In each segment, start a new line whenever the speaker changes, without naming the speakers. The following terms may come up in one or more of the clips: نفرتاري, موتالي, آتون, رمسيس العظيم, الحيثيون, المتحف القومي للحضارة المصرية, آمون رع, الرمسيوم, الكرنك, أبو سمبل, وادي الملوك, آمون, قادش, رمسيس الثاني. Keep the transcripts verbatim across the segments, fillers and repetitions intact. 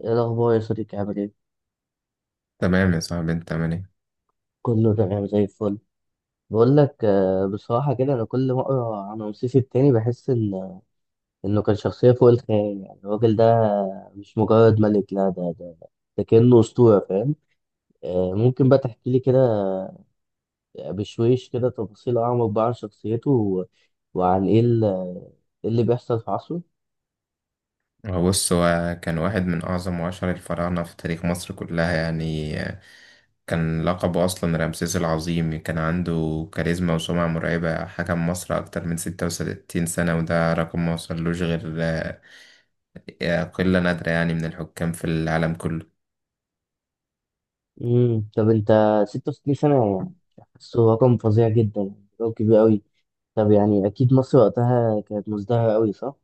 ايه الاخبار يا صديقي؟ عامل ايه؟
تمام يا صاحبي انت عامل ايه؟
كله تمام زي الفل. بقول لك آه، بصراحه كده انا كل ما اقرا عن رمسيس التاني بحس ان انه كان شخصيه فوق الخيال، يعني الراجل ده مش مجرد ملك، لا، ده ده ده كانه اسطوره، فاهم؟ آه، ممكن بقى تحكي لي كده، آه، بشويش كده، تفاصيل اعمق بقى عن شخصيته و- وعن ايه ال- إيه اللي بيحصل في عصره؟
هو بص هو كان واحد من اعظم واشهر الفراعنه في تاريخ مصر كلها يعني. كان لقبه اصلا رمسيس العظيم، كان عنده كاريزما وسمعه مرعبه، حكم مصر اكتر من ستة وتلاتين سنة سنه وده رقم ما وصلوش غير آه، قله نادره يعني من الحكام في العالم كله.
امم طب انت، ستة وستين سنه، يعني حاسه رقم فظيع جدا، يعني رقم كبير قوي. طب يعني اكيد مصر وقتها كانت مزدهره قوي، صح؟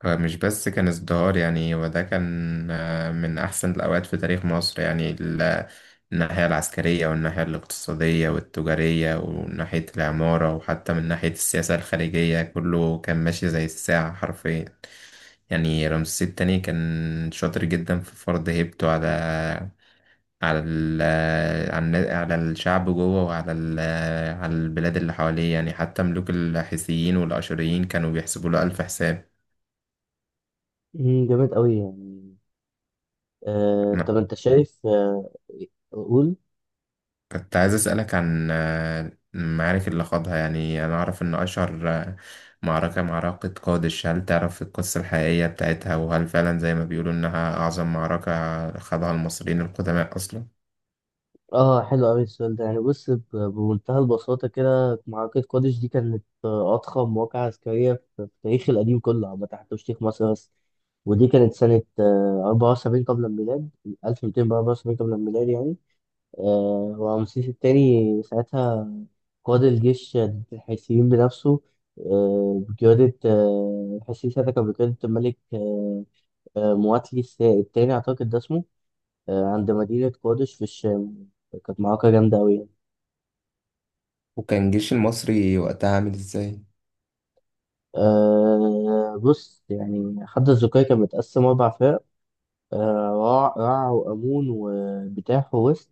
فمش بس كان ازدهار يعني، وده كان آه، من أحسن الأوقات في تاريخ مصر يعني. ال- الناحية العسكرية والناحية الاقتصادية والتجارية وناحية العمارة وحتى من ناحية السياسة الخارجية كله كان ماشي زي الساعة حرفيا. يعني رمسيس التاني كان شاطر جدا في فرض هيبته على على ال على على الشعب جوه وعلى ال على البلاد اللي حواليه، يعني حتى ملوك الحيثيين والأشوريين كانوا بيحسبوا له ألف حساب.
مم، جامد قوي يعني. آه، طب انت شايف؟ آه قول.
كنت عايز أسألك عن آه، المعارك اللي خاضها، يعني أنا أعرف إن أشهر آه، معركة معركة قادش. هل تعرف القصة الحقيقية بتاعتها، وهل فعلا زي ما بيقولوا إنها أعظم معركة خاضها المصريين القدماء أصلا؟
اه، حلو قوي السؤال ده. يعني بص، ب- بمنتهى البساطة كده، معركة قادش دي كانت، آه، أضخم واقعة عسكرية في في التاريخ القديم كله عامة، حتى مش تاريخ مصر بس. ودي كانت سنة آه، أربعة وسبعين قبل الميلاد، ألف ومئتين وأربعة وسبعين قبل الميلاد يعني. آه، ورمسيس الثاني ساعتها قاد الجيش ضد الحيثيين بنفسه. آه، بقيادة آه، الحيثيين ساعتها كان بقيادة الملك آه، آه، مواتلي الس- التاني، أعتقد ده اسمه، آه، عند مدينة قادش في الشام. كانت معركة جامدة أوي يعني.
وكان الجيش المصري وقتها عامل ازاي؟
أه بص، يعني حد الزكاية كان متقسم أربع فرق: أه، رع رع وأمون وبتاح ووست،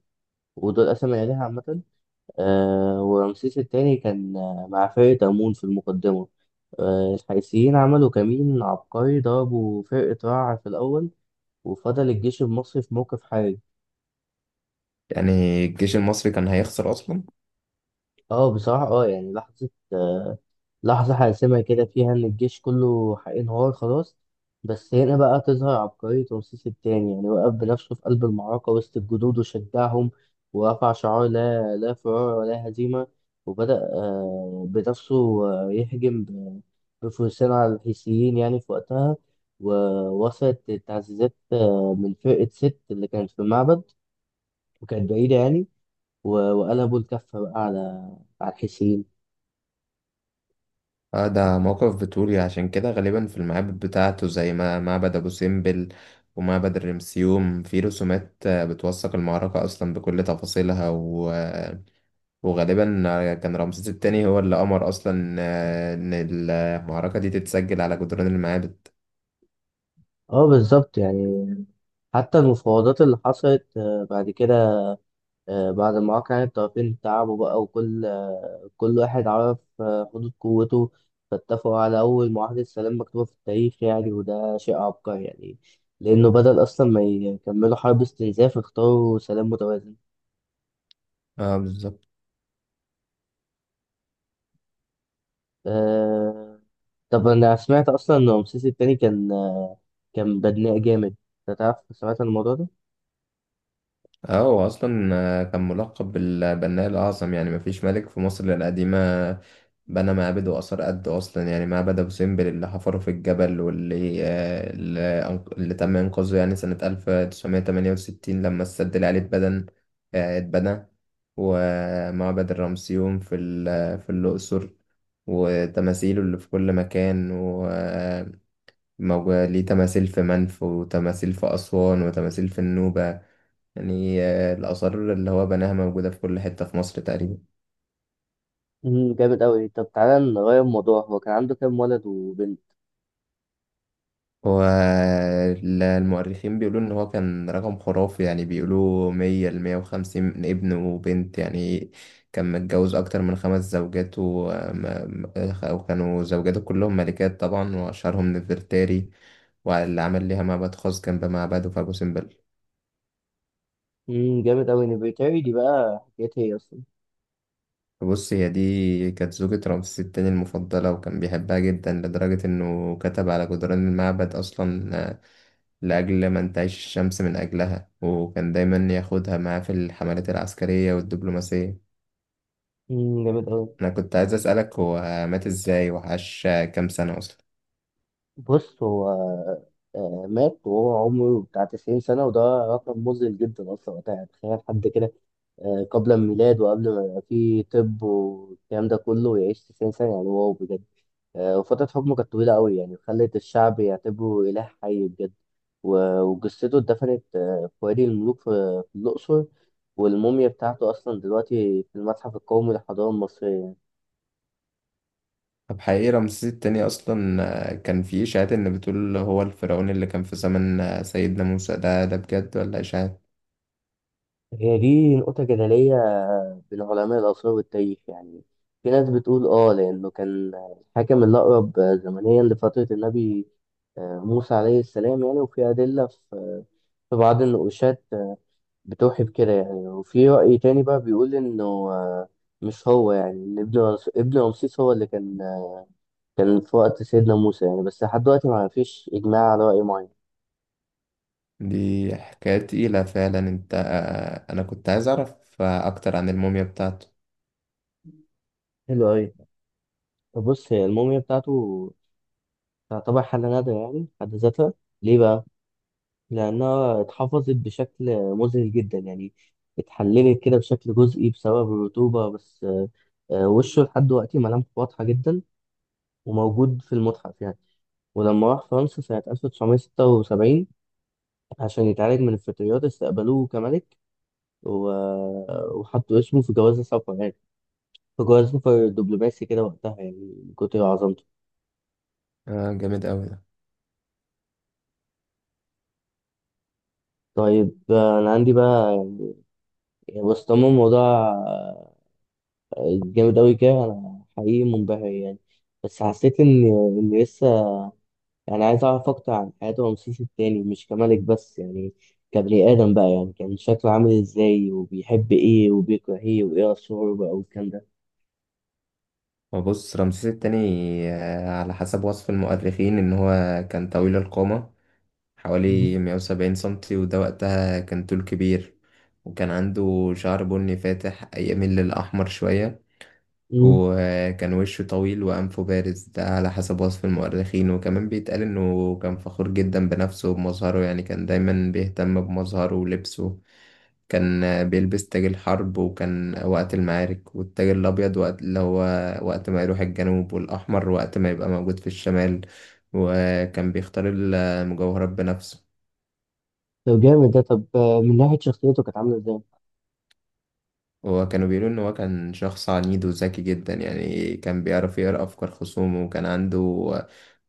ودول قسم العيلة عامة. أه، ورمسيس التاني كان آه، مع فرقة أمون في المقدمة. أه، الحيثيين عملوا كمين عبقري، ضربوا فرقة رع في الأول وفضل الجيش المصري في موقف حرج.
يعني الجيش المصري كان هيخسر أصلا؟
اه بصراحة اه، يعني لحظة، آه، لحظة حاسمة كده، فيها إن الجيش كله هينهار خلاص. بس هنا بقى تظهر عبقرية رمسيس التاني، يعني وقف بنفسه في قلب المعركة وسط الجنود وشجعهم، ورفع شعار لا، لا فرار ولا هزيمة، وبدأ آه، بنفسه آه، يهجم ب- بفرسان على الحيثيين يعني في وقتها. ووصلت التعزيزات آه، من فرقة ست اللي كانت في المعبد، وكانت بعيدة يعني، و- وقلبوا الكفة بقى على على الحيثيين.
آه، ده موقف بتقولي عشان كده غالبا في المعابد بتاعته، زي ما معبد أبو سمبل ومعبد الرمسيوم، في رسومات آه، بتوثق المعركة أصلا بكل تفاصيلها، وغالبا كان رمسيس التاني هو اللي أمر أصلا آه، إن المعركة دي تتسجل على جدران المعابد.
اه بالظبط يعني. حتى المفاوضات اللي حصلت آه، بعد كده، آه، بعد ما وقع يعني الطرفين تعبوا بقى، وكل آه، كل واحد عرف آه، حدود قوته، فاتفقوا على أول معاهدة سلام مكتوبة في التاريخ يعني، وده شيء عبقري يعني، لأنه بدل أصلا ما يكملوا حرب استنزاف اختاروا سلام متوازن.
اه، بالظبط.
آه، طب أنا سمعت أصلا إن رمسيس التاني كان آه، كان بدناء جامد. أنت تعرف؟ سمعت عن الموضوع ده؟
اه، هو اصلا آه، كان ملقب بالبناء الاعظم، يعني مفيش ملك في مصر القديمه بنى معابد واثار قد اصلا. يعني معبد ابو سمبل اللي حفره في الجبل، واللي آه، اللي أنق- اللي تم انقاذه يعني سنه ألف وتسعمية وتمانية وستين لما السد العالي اتبنى آه، اتبنى. ومعبد الرمسيوم في ال- في الاقصر، وتماثيله اللي في كل مكان وموجود ليه تماثيل في منف وتماثيل في أسوان وتماثيل في النوبة. يعني آه، الآثار اللي هو بناها موجودة في كل حتة في مصر تقريبا.
مم، جامد أوي. طب تعالى نغير الموضوع، هو كان عنده كام ولد وبنت؟
هو ال- المؤرخين بيقولوا إن هو كان رقم خرافي، يعني بيقولوا مية لمية وخمسين ابن وبنت يعني. كان متجوز أكتر من خمس زوجات و- م- م- وكانوا زوجاته كلهم ملكات طبعا، وأشهرهم نفرتاري، واللي عمل ليها معبد خاص جنب معبده في أبو سمبل.
امم، جامد أوي. نفرتاري دي بقى حكايتها إيه أصلا؟
بص، هي دي كانت زوجة رمسيس التاني المفضلة، وكان بيحبها جدا لدرجة إنه كتب على جدران المعبد أصلا آه، لأجل ما انتعش الشمس من أجلها، وكان دايما ياخدها معاه في الحملات العسكرية والدبلوماسية.
امم، جامد أوي.
أنا كنت عايز أسألك، هو مات إزاي وعاش كام سنة أصلا؟
بص هو، آه، مات وهو عمره بتاع تسعين سنة، وده رقم مذهل جدا أصلا وقتها يعني. تخيل حد كده آه، قبل الميلاد وقبل ما يبقى فيه طب والكلام ده كله، يعيش تسعين سنة؟ يعني واو بجد. آه، وفترة حكمه كانت طويلة أوي، يعني خلت الشعب يعتبره إله حي بجد. و- وجثته اتدفنت آه، في وادي الملوك في في الأقصر، والموميا بتاعته أصلا دلوقتي في المتحف القومي للحضارة المصرية.
طب حقيقي رمسيس التاني أصلا آه، كان في إشاعات إن بتقول هو الفرعون اللي كان في زمن آه، سيدنا موسى؟ ده ده بجد ولا إشاعات؟
هي دي نقطة جدلية بين علماء الآثار والتاريخ يعني. في ناس بتقول آه، لأنه كان الحاكم الأقرب زمنيا لفترة النبي آه، موسى عليه السلام يعني، وفي أدلة في في بعض النقوشات آه، بتوحي بكده يعني. وفي رأي تاني بقى بيقول إنه آه، مش هو، يعني إن ابن رمس- ابن رمسيس هو اللي كان آه، كان في وقت سيدنا موسى يعني. بس لحد دلوقتي ما فيش إجماع على رأي معين.
دي حكاية تقيلة فعلا. أنت آه، أنا كنت عايز أعرف آه، أكتر عن الموميا بتاعته.
حلو أوي. طب بص، هي الموميا بتاعته تعتبر حالة نادرة يعني في حد ذاتها. ليه بقى؟ لأنها اتحفظت بشكل مذهل جدا يعني، اتحللت كده بشكل جزئي بسبب الرطوبة بس، آه، آه، وشه لحد دلوقتي ملامحه واضحة جدا وموجود في المتحف يعني. ولما راح فرنسا سنة ألف وتسعمية وستة وسبعين عشان يتعالج من الفطريات استقبلوه كملك، و... وحطوا اسمه في جواز السفر يعني، في جواز سفر دبلوماسي كده وقتها، يعني من كتر عظمته.
آه، جامد أوي ده.
طيب، آه، أنا عندي بقى، يعني بس طالما الموضوع جامد أوي كده أنا حقيقي منبهر يعني، بس حسيت إن إن لسه يعني عايز أعرف أكتر عن حياة رمسيس التاني، مش كملك بس يعني، كبني آدم بقى يعني. كان شكله عامل إزاي؟ وبيحب إيه وبيكره إيه وإيه أسراره بقى والكلام ده.
وبص، رمسيس التاني آه، على حسب وصف المؤرخين إن هو كان طويل القامة،
مم.
حوالي 170 سنتي، وده وقتها كان طول كبير. وكان عنده شعر بني فاتح يميل للأحمر شوية،
مم.
وكان وشه طويل وأنفه بارز، ده على حسب وصف المؤرخين. وكمان بيتقال إنه كان فخور جدا بنفسه وبمظهره، يعني كان دايما بيهتم بمظهره ولبسه. كان بيلبس تاج الحرب وكان وقت المعارك، والتاج الأبيض وقت اللي هو وقت ما يروح الجنوب، والأحمر وقت ما يبقى موجود في الشمال، وكان بيختار المجوهرات بنفسه.
طب جامد ده. طب آه، من ناحية شخصيته كانت عاملة إزاي؟
وكانوا بيقولوا إن هو كان شخص عنيد وذكي جدا، يعني كان بيعرف يقرأ أفكار خصومه، وكان عنده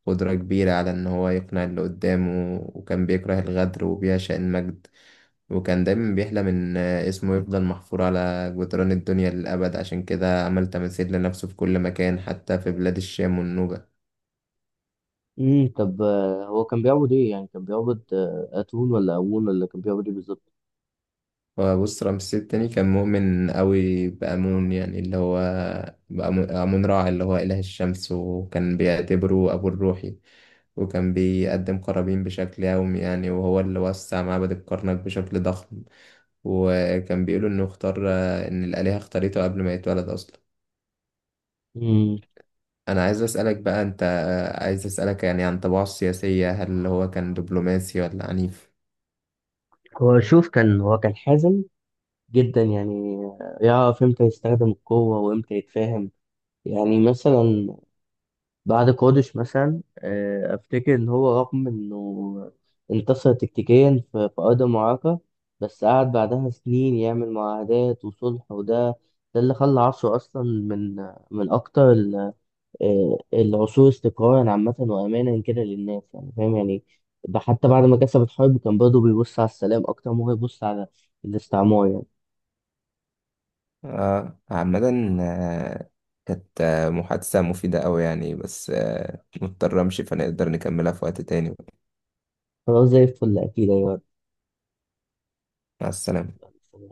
قدرة كبيرة على إن هو يقنع اللي قدامه، وكان بيكره الغدر وبيعشق المجد، وكان دايما بيحلم إن اسمه يفضل محفور على جدران الدنيا للأبد، عشان كده عمل تماثيل لنفسه في كل مكان حتى في بلاد الشام والنوبة.
مم. طب آه، هو كان بيعبد إيه؟ يعني كان بيعبد آه، أتون ولا أمون ولا كان بيعبد إيه بالظبط؟
وبص، رمسيس التاني كان مؤمن أوي بأمون، يعني اللي هو بأمون أمون رع اللي هو إله الشمس، وكان بيعتبره أبو الروحي، وكان بيقدم قرابين بشكل يومي يعني، وهو اللي وسع معبد الكرنك بشكل ضخم. وكان بيقولوا إنه اختار إن الآلهة اختارته قبل ما يتولد أصلا.
مم.
انا عايز اسالك بقى انت عايز اسالك يعني عن طباعه السياسيه، هل هو كان دبلوماسي ولا عنيف؟
هو شوف، كان هو كان حازم جدا يعني، يعرف امتى يستخدم القوة وامتى يتفاهم. يعني مثلا بعد قادش مثلا، آه، افتكر ان هو رغم انه انتصر تكتيكيا في في ارض المعركة، بس قعد بعدها سنين يعمل معاهدات وصلح، وده ده اللي خلى عصره اصلا من من اكتر ال- آه، العصور استقرارا عامة، وامانا كده للناس، يعني فاهم يعني. حتى بعد ما كسب الحرب كان برضه بيبص على السلام اكتر ما هو يبص على الاستعمار يعني.
آه، عامة آه، كانت آه، محادثة مفيدة أوي يعني، بس آه، مضطر أمشي، فنقدر نكملها في وقت تاني.
خلاص زي الفل، أكيد.
مع السلامة.
أيوة.